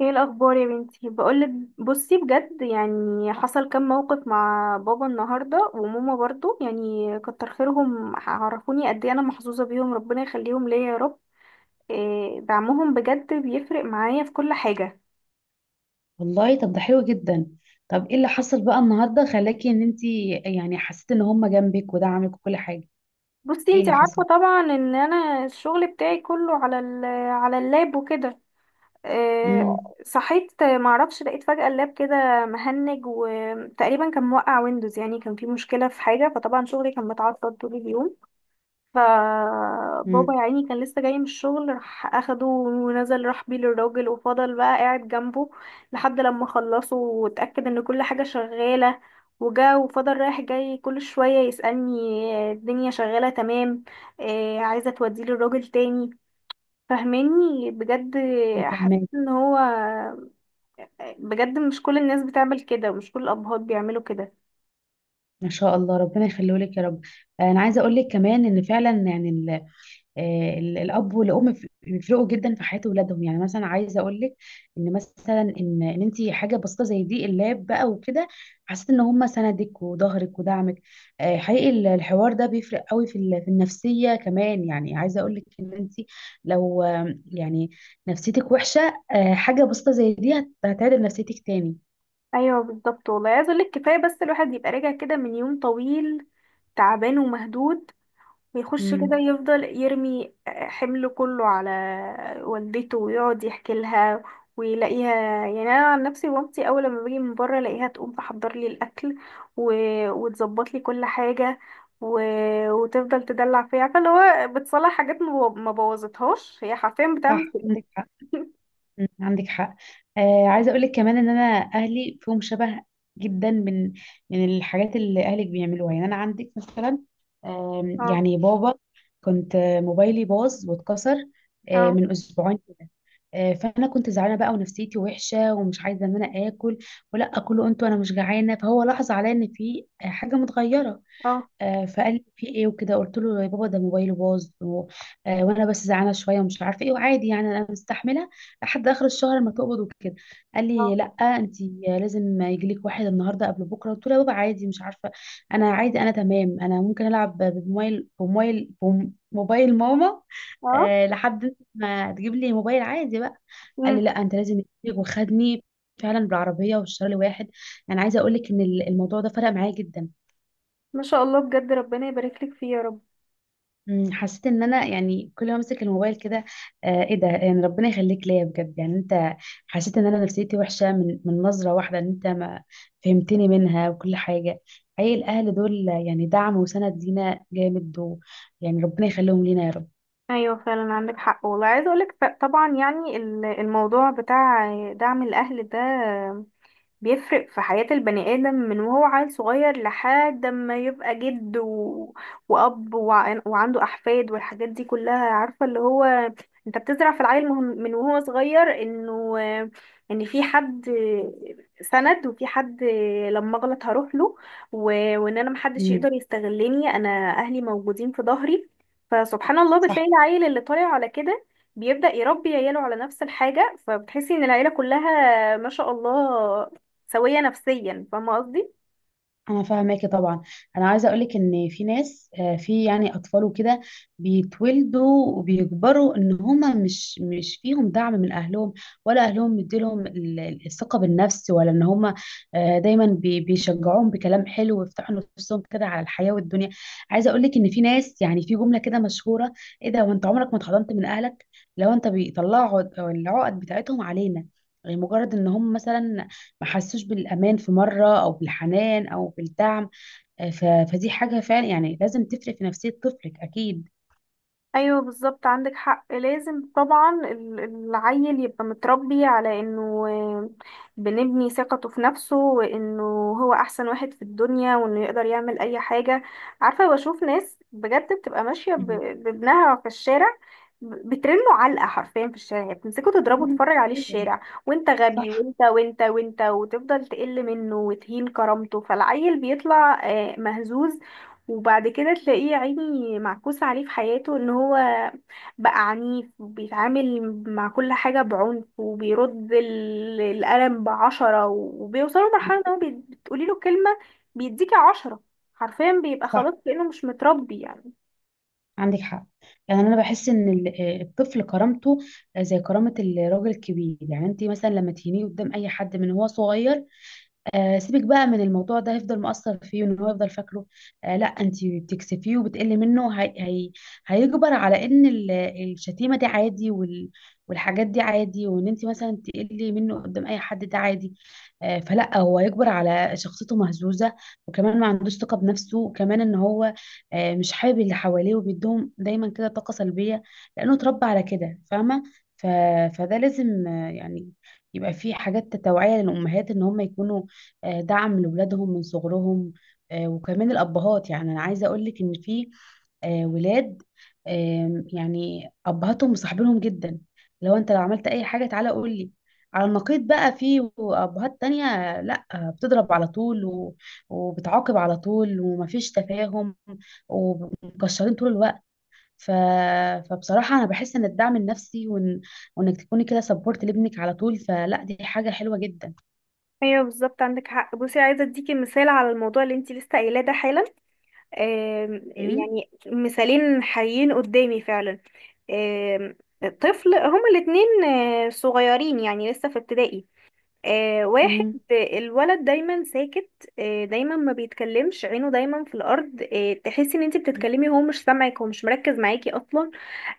ايه الاخبار يا بنتي بقولك. بصي بجد يعني حصل كام موقف مع بابا النهارده وماما برضو، يعني كتر خيرهم عرفوني قد ايه انا محظوظه بيهم، ربنا يخليهم ليا يا رب. إيه، دعمهم بجد بيفرق معايا في كل حاجه. والله، طب ده حلو جدا. طب ايه اللي حصل بقى النهارده خلاكي ان انت، يعني، حسيتي ان هم جنبك ودعمك وكل حاجه؟ بصي ايه انتي اللي عارفه حصل؟ طبعا ان انا الشغل بتاعي كله على على اللاب وكده. إيه، امم صحيت معرفش لقيت فجاه اللاب كده مهنج، وتقريبا كان موقع ويندوز، يعني كان في مشكله في حاجه، فطبعا شغلي كان متعطل طول اليوم. فبابا امم يا عيني كان لسه جاي من الشغل، راح اخده ونزل راح بيه للراجل وفضل بقى قاعد جنبه لحد لما خلصه واتأكد ان كل حاجة شغالة. وجا وفضل رايح جاي كل شوية يسألني الدنيا شغالة تمام، عايزة توديه للراجل تاني. فهماني بجد، حسيت فاهمك. ان هو بجد مش كل الناس بتعمل كده، ومش كل الابهات بيعملوا كده. ما شاء الله، ربنا يخليه لك يا رب. انا عايزه اقول لك كمان ان فعلا، يعني، الاب والام بيفرقوا جدا في حياه اولادهم. يعني مثلا عايزه اقول لك ان مثلا ان انت حاجه بسيطه زي دي، اللاب بقى وكده، حسيت ان هم سندك وظهرك ودعمك. حقيقي الحوار ده بيفرق قوي في النفسيه كمان. يعني عايزه اقول لك ان انت لو يعني نفسيتك وحشه، حاجه بسيطه زي دي هتعدل نفسيتك تاني. ايوه بالظبط والله، عايز اقولك كفايه بس الواحد يبقى راجع كده من يوم طويل، تعبان ومهدود، ويخش كده امم يفضل يرمي حمله كله على والدته ويقعد يحكي لها ويلاقيها. يعني انا عن نفسي مامتي اول لما باجي من بره الاقيها تقوم تحضر لي الاكل و... وتظبط لي كل حاجه و... وتفضل تدلع فيا، عارفه اللي هو بتصلح حاجات ما بوظتهاش، هي حرفيا بتعمل صح، عندك حق. كده. عندك حق. عايزه اقول لك كمان ان انا اهلي فيهم شبه جدا من من الحاجات اللي اهلك بيعملوها. يعني انا عندك مثلا اه يعني بابا، كنت موبايلي باظ واتكسر اه من اسبوعين كده، فانا كنت زعلانه بقى ونفسيتي وحشه ومش عايزه ان انا اكل ولا اكل وانتوا انا مش جعانه. فهو لاحظ عليا ان في حاجه متغيره. اه فقال لي في ايه وكده، قلت له يا بابا ده موبايله باظ وانا بس زعلانه شويه ومش عارفه ايه وعادي، يعني انا مستحمله لحد اخر الشهر ما تقبض وكده. قال لي اه لا، انت لازم يجي لك واحد النهارده قبل بكره. قلت له يا بابا عادي، مش عارفه، انا عادي، انا تمام، انا ممكن العب موبايل ماما لحد ما تجيب لي موبايل عادي بقى. قال لي اه لا، انت لازم يجيلك. وخدني فعلا بالعربيه والشهر لواحد. انا عايزه اقول لك ان الموضوع ده فرق معايا جدا. ما شاء الله بجد، ربنا يبارك لك فيه يا رب. حسيت ان انا، يعني، كل ما امسك الموبال كده، ايه ده؟ يعني ربنا يخليك ليا بجد. يعني انت حسيت ان انا نفسيتي وحشه من من نظره واحده، ان انت ما فهمتني منها وكل حاجه. حقيقي، الاهل دول يعني دعم وسند لينا جامد، و، يعني ربنا يخليهم لينا يا رب. ايوه فعلا عندك حق والله، عايزه اقولك طبعا يعني الموضوع بتاع دعم الاهل ده بيفرق في حياة البني آدم من وهو عيل صغير لحد ما يبقى جد وأب وعنده أحفاد، والحاجات دي كلها. عارفة اللي هو انت بتزرع في العيل من وهو صغير انه ان في حد سند، وفي حد لما اغلط هروح له، و... وان انا محدش مم، يقدر يستغلني، انا اهلي موجودين في ظهري. فسبحان الله صح. بتلاقي العيل اللي طالع على كده بيبدأ يربي عياله على نفس الحاجة، فبتحسي ان العيلة كلها ما شاء الله سوية نفسيا. فاهمة قصدي. انا فاهماكي طبعا. انا عايزه اقولك ان في ناس، في يعني اطفال وكده بيتولدوا وبيكبروا ان هما مش فيهم دعم من اهلهم، ولا اهلهم مديلهم الثقه بالنفس، ولا ان هما دايما بيشجعوهم بكلام حلو ويفتحوا نفسهم كده على الحياه والدنيا. عايزه اقولك ان في ناس، يعني، في جمله كده مشهوره: ايه ده وانت عمرك ما اتحضنت من اهلك؟ لو انت بيطلعوا العقد بتاعتهم علينا، مجرد ان هم مثلا ما حسوش بالامان في مره او بالحنان او بالدعم، آه، ف- فدي حاجه فعلا يعني لازم تفرق في نفسيه طفلك اكيد. ايوه بالظبط عندك حق. لازم طبعا العيل يبقى متربي على انه بنبني ثقته في نفسه، وانه هو احسن واحد في الدنيا، وانه يقدر يعمل اي حاجة. عارفة، بشوف ناس بجد بتبقى ماشية مهم. بابنها في الشارع، بترنه علقة حرفيا في الشارع، يعني بتمسكه تضربه مم. تفرج عليه أيوة، الشارع، وانت غبي صح. وانت وانت وانت، وتفضل تقل منه وتهين كرامته، فالعيل بيطلع مهزوز. وبعد كده تلاقيه يا عيني معكوس عليه في حياته ان هو بقى عنيف، وبيتعامل مع كل حاجة بعنف، وبيرد القلم بعشرة، وبيوصلوا لمرحلة ان هو بتقولي له كلمة بيديكي عشرة، حرفيا بيبقى صح، خلاص كأنه مش متربي يعني. عندك حق. يعني انا بحس ان الطفل كرامته زي كرامه الراجل الكبير. يعني انت مثلا لما تهينيه قدام اي حد من هو صغير، سيبك بقى من الموضوع ده، هيفضل مؤثر فيه وان هو يفضل فاكره. لا، انت بتكسفيه وبتقلي منه، هي هيجبر على ان الشتيمه دي عادي، والحاجات دي عادي، وان انت مثلا تقلي منه قدام اي حد ده عادي. فلا، هو هيجبر على شخصيته مهزوزه، وكمان ما عندوش ثقه بنفسه، وكمان ان هو مش حابب اللي حواليه وبيديهم دايما كده طاقه سلبيه لانه اتربى على كده، فاهمه؟ ف... فده لازم يعني يبقى فيه حاجات توعية للأمهات إن هم يكونوا دعم لولادهم من صغرهم. وكمان الأبهات، يعني أنا عايزة أقولك إن في ولاد يعني أبهاتهم مصاحبينهم جدا: لو أنت لو عملت أي حاجة تعالى قول لي. على النقيض بقى، في أبهات تانية، لأ، بتضرب على طول وبتعاقب على طول ومفيش تفاهم ومكشرين طول الوقت. ف... فبصراحة أنا بحس إن الدعم النفسي، وإنك تكوني كده سبورت لابنك على طول، فلا دي حاجة حلوة جدا. ايوه بالظبط عندك حق. بصي عايزه اديكي مثال على الموضوع اللي انتي لسه قايلاه ده حالا. مم. يعني مثالين حقيقيين قدامي فعلا. آم، طفل، هما الاتنين صغيرين يعني لسه في ابتدائي. آه واحد، الولد دايما ساكت، آه دايما ما بيتكلمش، عينه دايما في الارض، آه تحسي ان انت مم. بتتكلمي هو مش سامعك، هو مش مركز معاكي اصلا.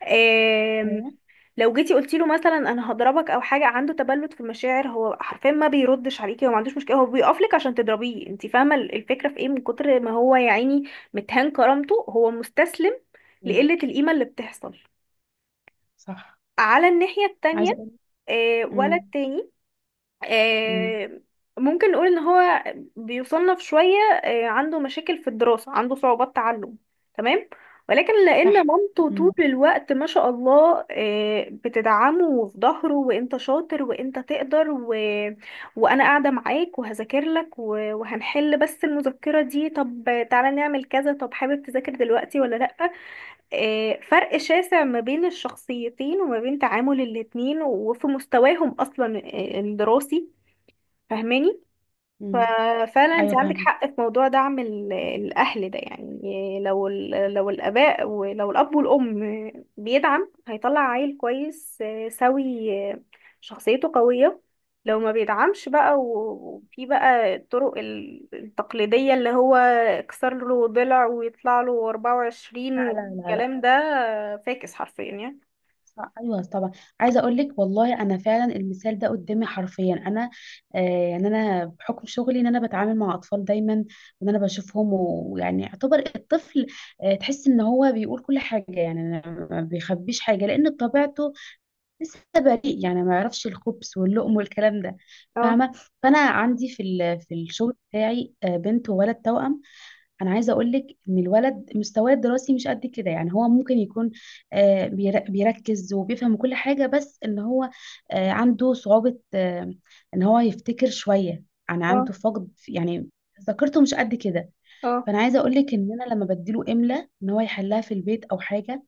آه، ايوه. لو جيتي قلتي له مثلا انا هضربك او حاجه، عنده تبلد في المشاعر، هو حرفيا ما بيردش عليكي، هو ما عندوش مشكله، هو بيقف لك عشان تضربيه. انت فاهمه الفكره في ايه؟ من كتر ما هو يا عيني متهان كرامته، هو مستسلم ايوه، لقله القيمه اللي بتحصل. صح. على الناحيه التانية، عايزه اقول. ولد امم تاني، امم آه، ممكن نقول ان هو بيصنف شوية، عنده مشاكل في الدراسة، عنده صعوبات تعلم، تمام. ولكن لان صح. مامته طول امم الوقت ما شاء الله بتدعمه وفي ظهره، وانت شاطر وانت تقدر وانا قاعدة معاك وهذاكر لك وهنحل بس المذكرة دي، طب تعالى نعمل كذا، طب حابب تذاكر دلوقتي ولا لأ؟ فرق شاسع ما بين الشخصيتين، وما بين تعامل الاتنين، وفي مستواهم اصلا الدراسي. فاهماني. امم ففعلا انت ايوه، عندك فاهمه. حق في موضوع دعم الاهل ده. يعني لو لو الاباء، ولو الاب والام بيدعم، هيطلع عيل كويس سوي، شخصيته قوية. لو ما بيدعمش بقى، وفي بقى الطرق التقليدية اللي هو اكسر له ضلع ويطلع له 24 لا لا لا لا. والكلام ده، فاكس حرفيا يعني. صح. ايوه طبعا. عايزه اقول لك والله، انا فعلا المثال ده قدامي حرفيا انا. آه يعني انا بحكم شغلي ان انا بتعامل مع اطفال دايما، وان انا بشوفهم، ويعني يعتبر الطفل تحس ان هو بيقول كل حاجه، يعني أنا ما بيخبيش حاجه لان بطبيعته لسه بريء، يعني ما يعرفش الخبز واللقم والكلام ده، اه فاهمه؟ فانا عندي في الشغل بتاعي بنت وولد توأم. انا عايزه اقول لك ان الولد مستواه الدراسي مش قد كده. يعني هو ممكن يكون بيركز وبيفهم كل حاجه، بس ان هو عنده صعوبه ان هو يفتكر شويه. انا اه عنده فقد يعني، ذاكرته مش قد كده. اه فانا عايزه اقول لك ان انا لما بديله املا ان هو يحلها في البيت او حاجه،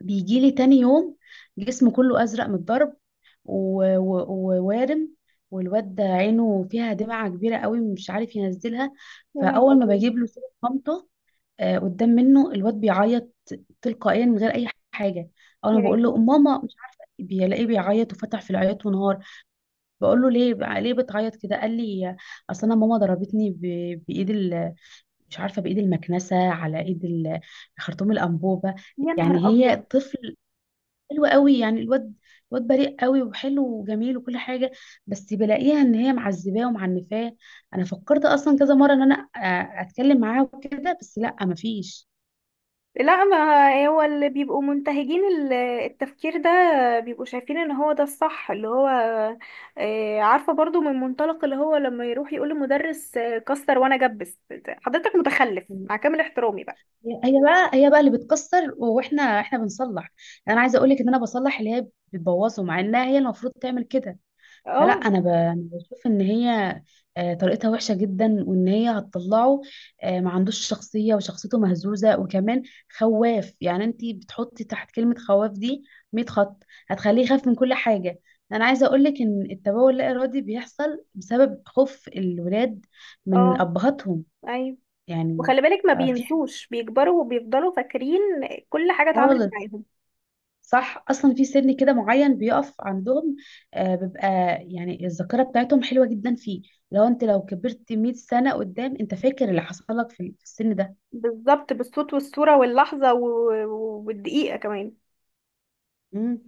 بيجيلي تاني يوم جسمه كله أزرق من الضرب، و- و- ووارم. والواد ده عينه فيها دمعة كبيرة قوي مش عارف ينزلها. يا نهار فأول ما ابيض. بجيب له صورة مامته قدام منه، الواد بيعيط تلقائيا من غير أي حاجة. أول ما بقول يعني له ماما مش عارفة، بيلاقيه بيعيط وفتح في العياط ونهار. بقول له ليه بتعيط كده؟ قال لي اصل انا ماما ضربتني بايد مش عارفه، بايد المكنسه، على ايد خرطوم الانبوبه. يا يعني نهار هي ابيض. طفل حلو قوي، يعني الواد بريء قوي وحلو وجميل وكل حاجه. بس بلاقيها ان هي معذباه ومعنفاه. انا فكرت اصلا كذا مره ان انا اتكلم معاها وكده، بس لا، مفيش. لا، ما هو اللي بيبقوا منتهجين التفكير ده بيبقوا شايفين ان هو ده الصح، اللي هو عارفة برضو من منطلق اللي هو لما يروح يقول للمدرس كسر وانا جبس. حضرتك متخلف هي مع كامل احترامي بقى. هي بقى هي بقى اللي بتكسر واحنا بنصلح. انا عايزه اقول لك ان انا بصلح اللي هي بتبوظه، مع انها هي المفروض تعمل كده. فلا اه انا أنا بشوف ان هي طريقتها وحشه جدا، وان هي هتطلعه ما عندوش شخصيه وشخصيته مهزوزه، وكمان خواف. يعني انت بتحطي تحت كلمه خواف دي 100 خط، هتخليه يخاف من كل حاجه. انا عايزه اقول لك ان التبول اللا ارادي بيحصل بسبب خوف الولاد من اه ابهاتهم. ايوه، يعني وخلي بالك ما في حاجة بينسوش، بيكبروا وبيفضلوا فاكرين كل حاجة اتعملت خالص. معاهم. صح، اصلا في سن كده معين بيقف عندهم بيبقى، يعني الذاكره بتاعتهم حلوه جدا فيه. لو انت لو كبرت 100 سنه قدام، انت فاكر اللي حصل لك في السن ده. بالظبط، بالصوت والصورة واللحظة والدقيقة كمان. مم.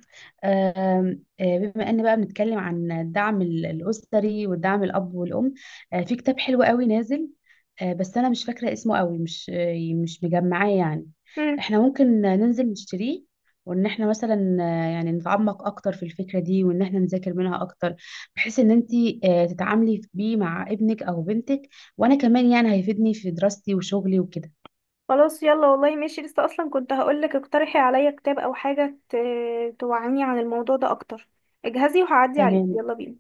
آم، آه، بما ان بقى بنتكلم عن الدعم الاسري والدعم الاب والام، في كتاب حلو قوي نازل، بس انا مش فاكره اسمه قوي، مش مش مجمعاه يعني. احنا ممكن ننزل نشتريه، وان احنا مثلا يعني نتعمق اكتر في الفكره دي، وان احنا نذاكر منها اكتر، بحيث ان انت تتعاملي بيه مع ابنك او بنتك، وانا كمان يعني هيفيدني في دراستي وشغلي وكده. خلاص يلا والله ماشي. لسه اصلا كنت هقولك اقترحي عليا كتاب او حاجة توعيني عن الموضوع ده اكتر. اجهزي وهعدي عليك، تمام. يلا بينا.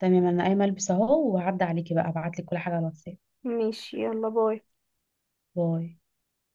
تمام انا قايمه البس اهو وهعدي عليكي بقى، ابعت لك كل حاجه على الواتساب. ماشي يلا، باي. باي.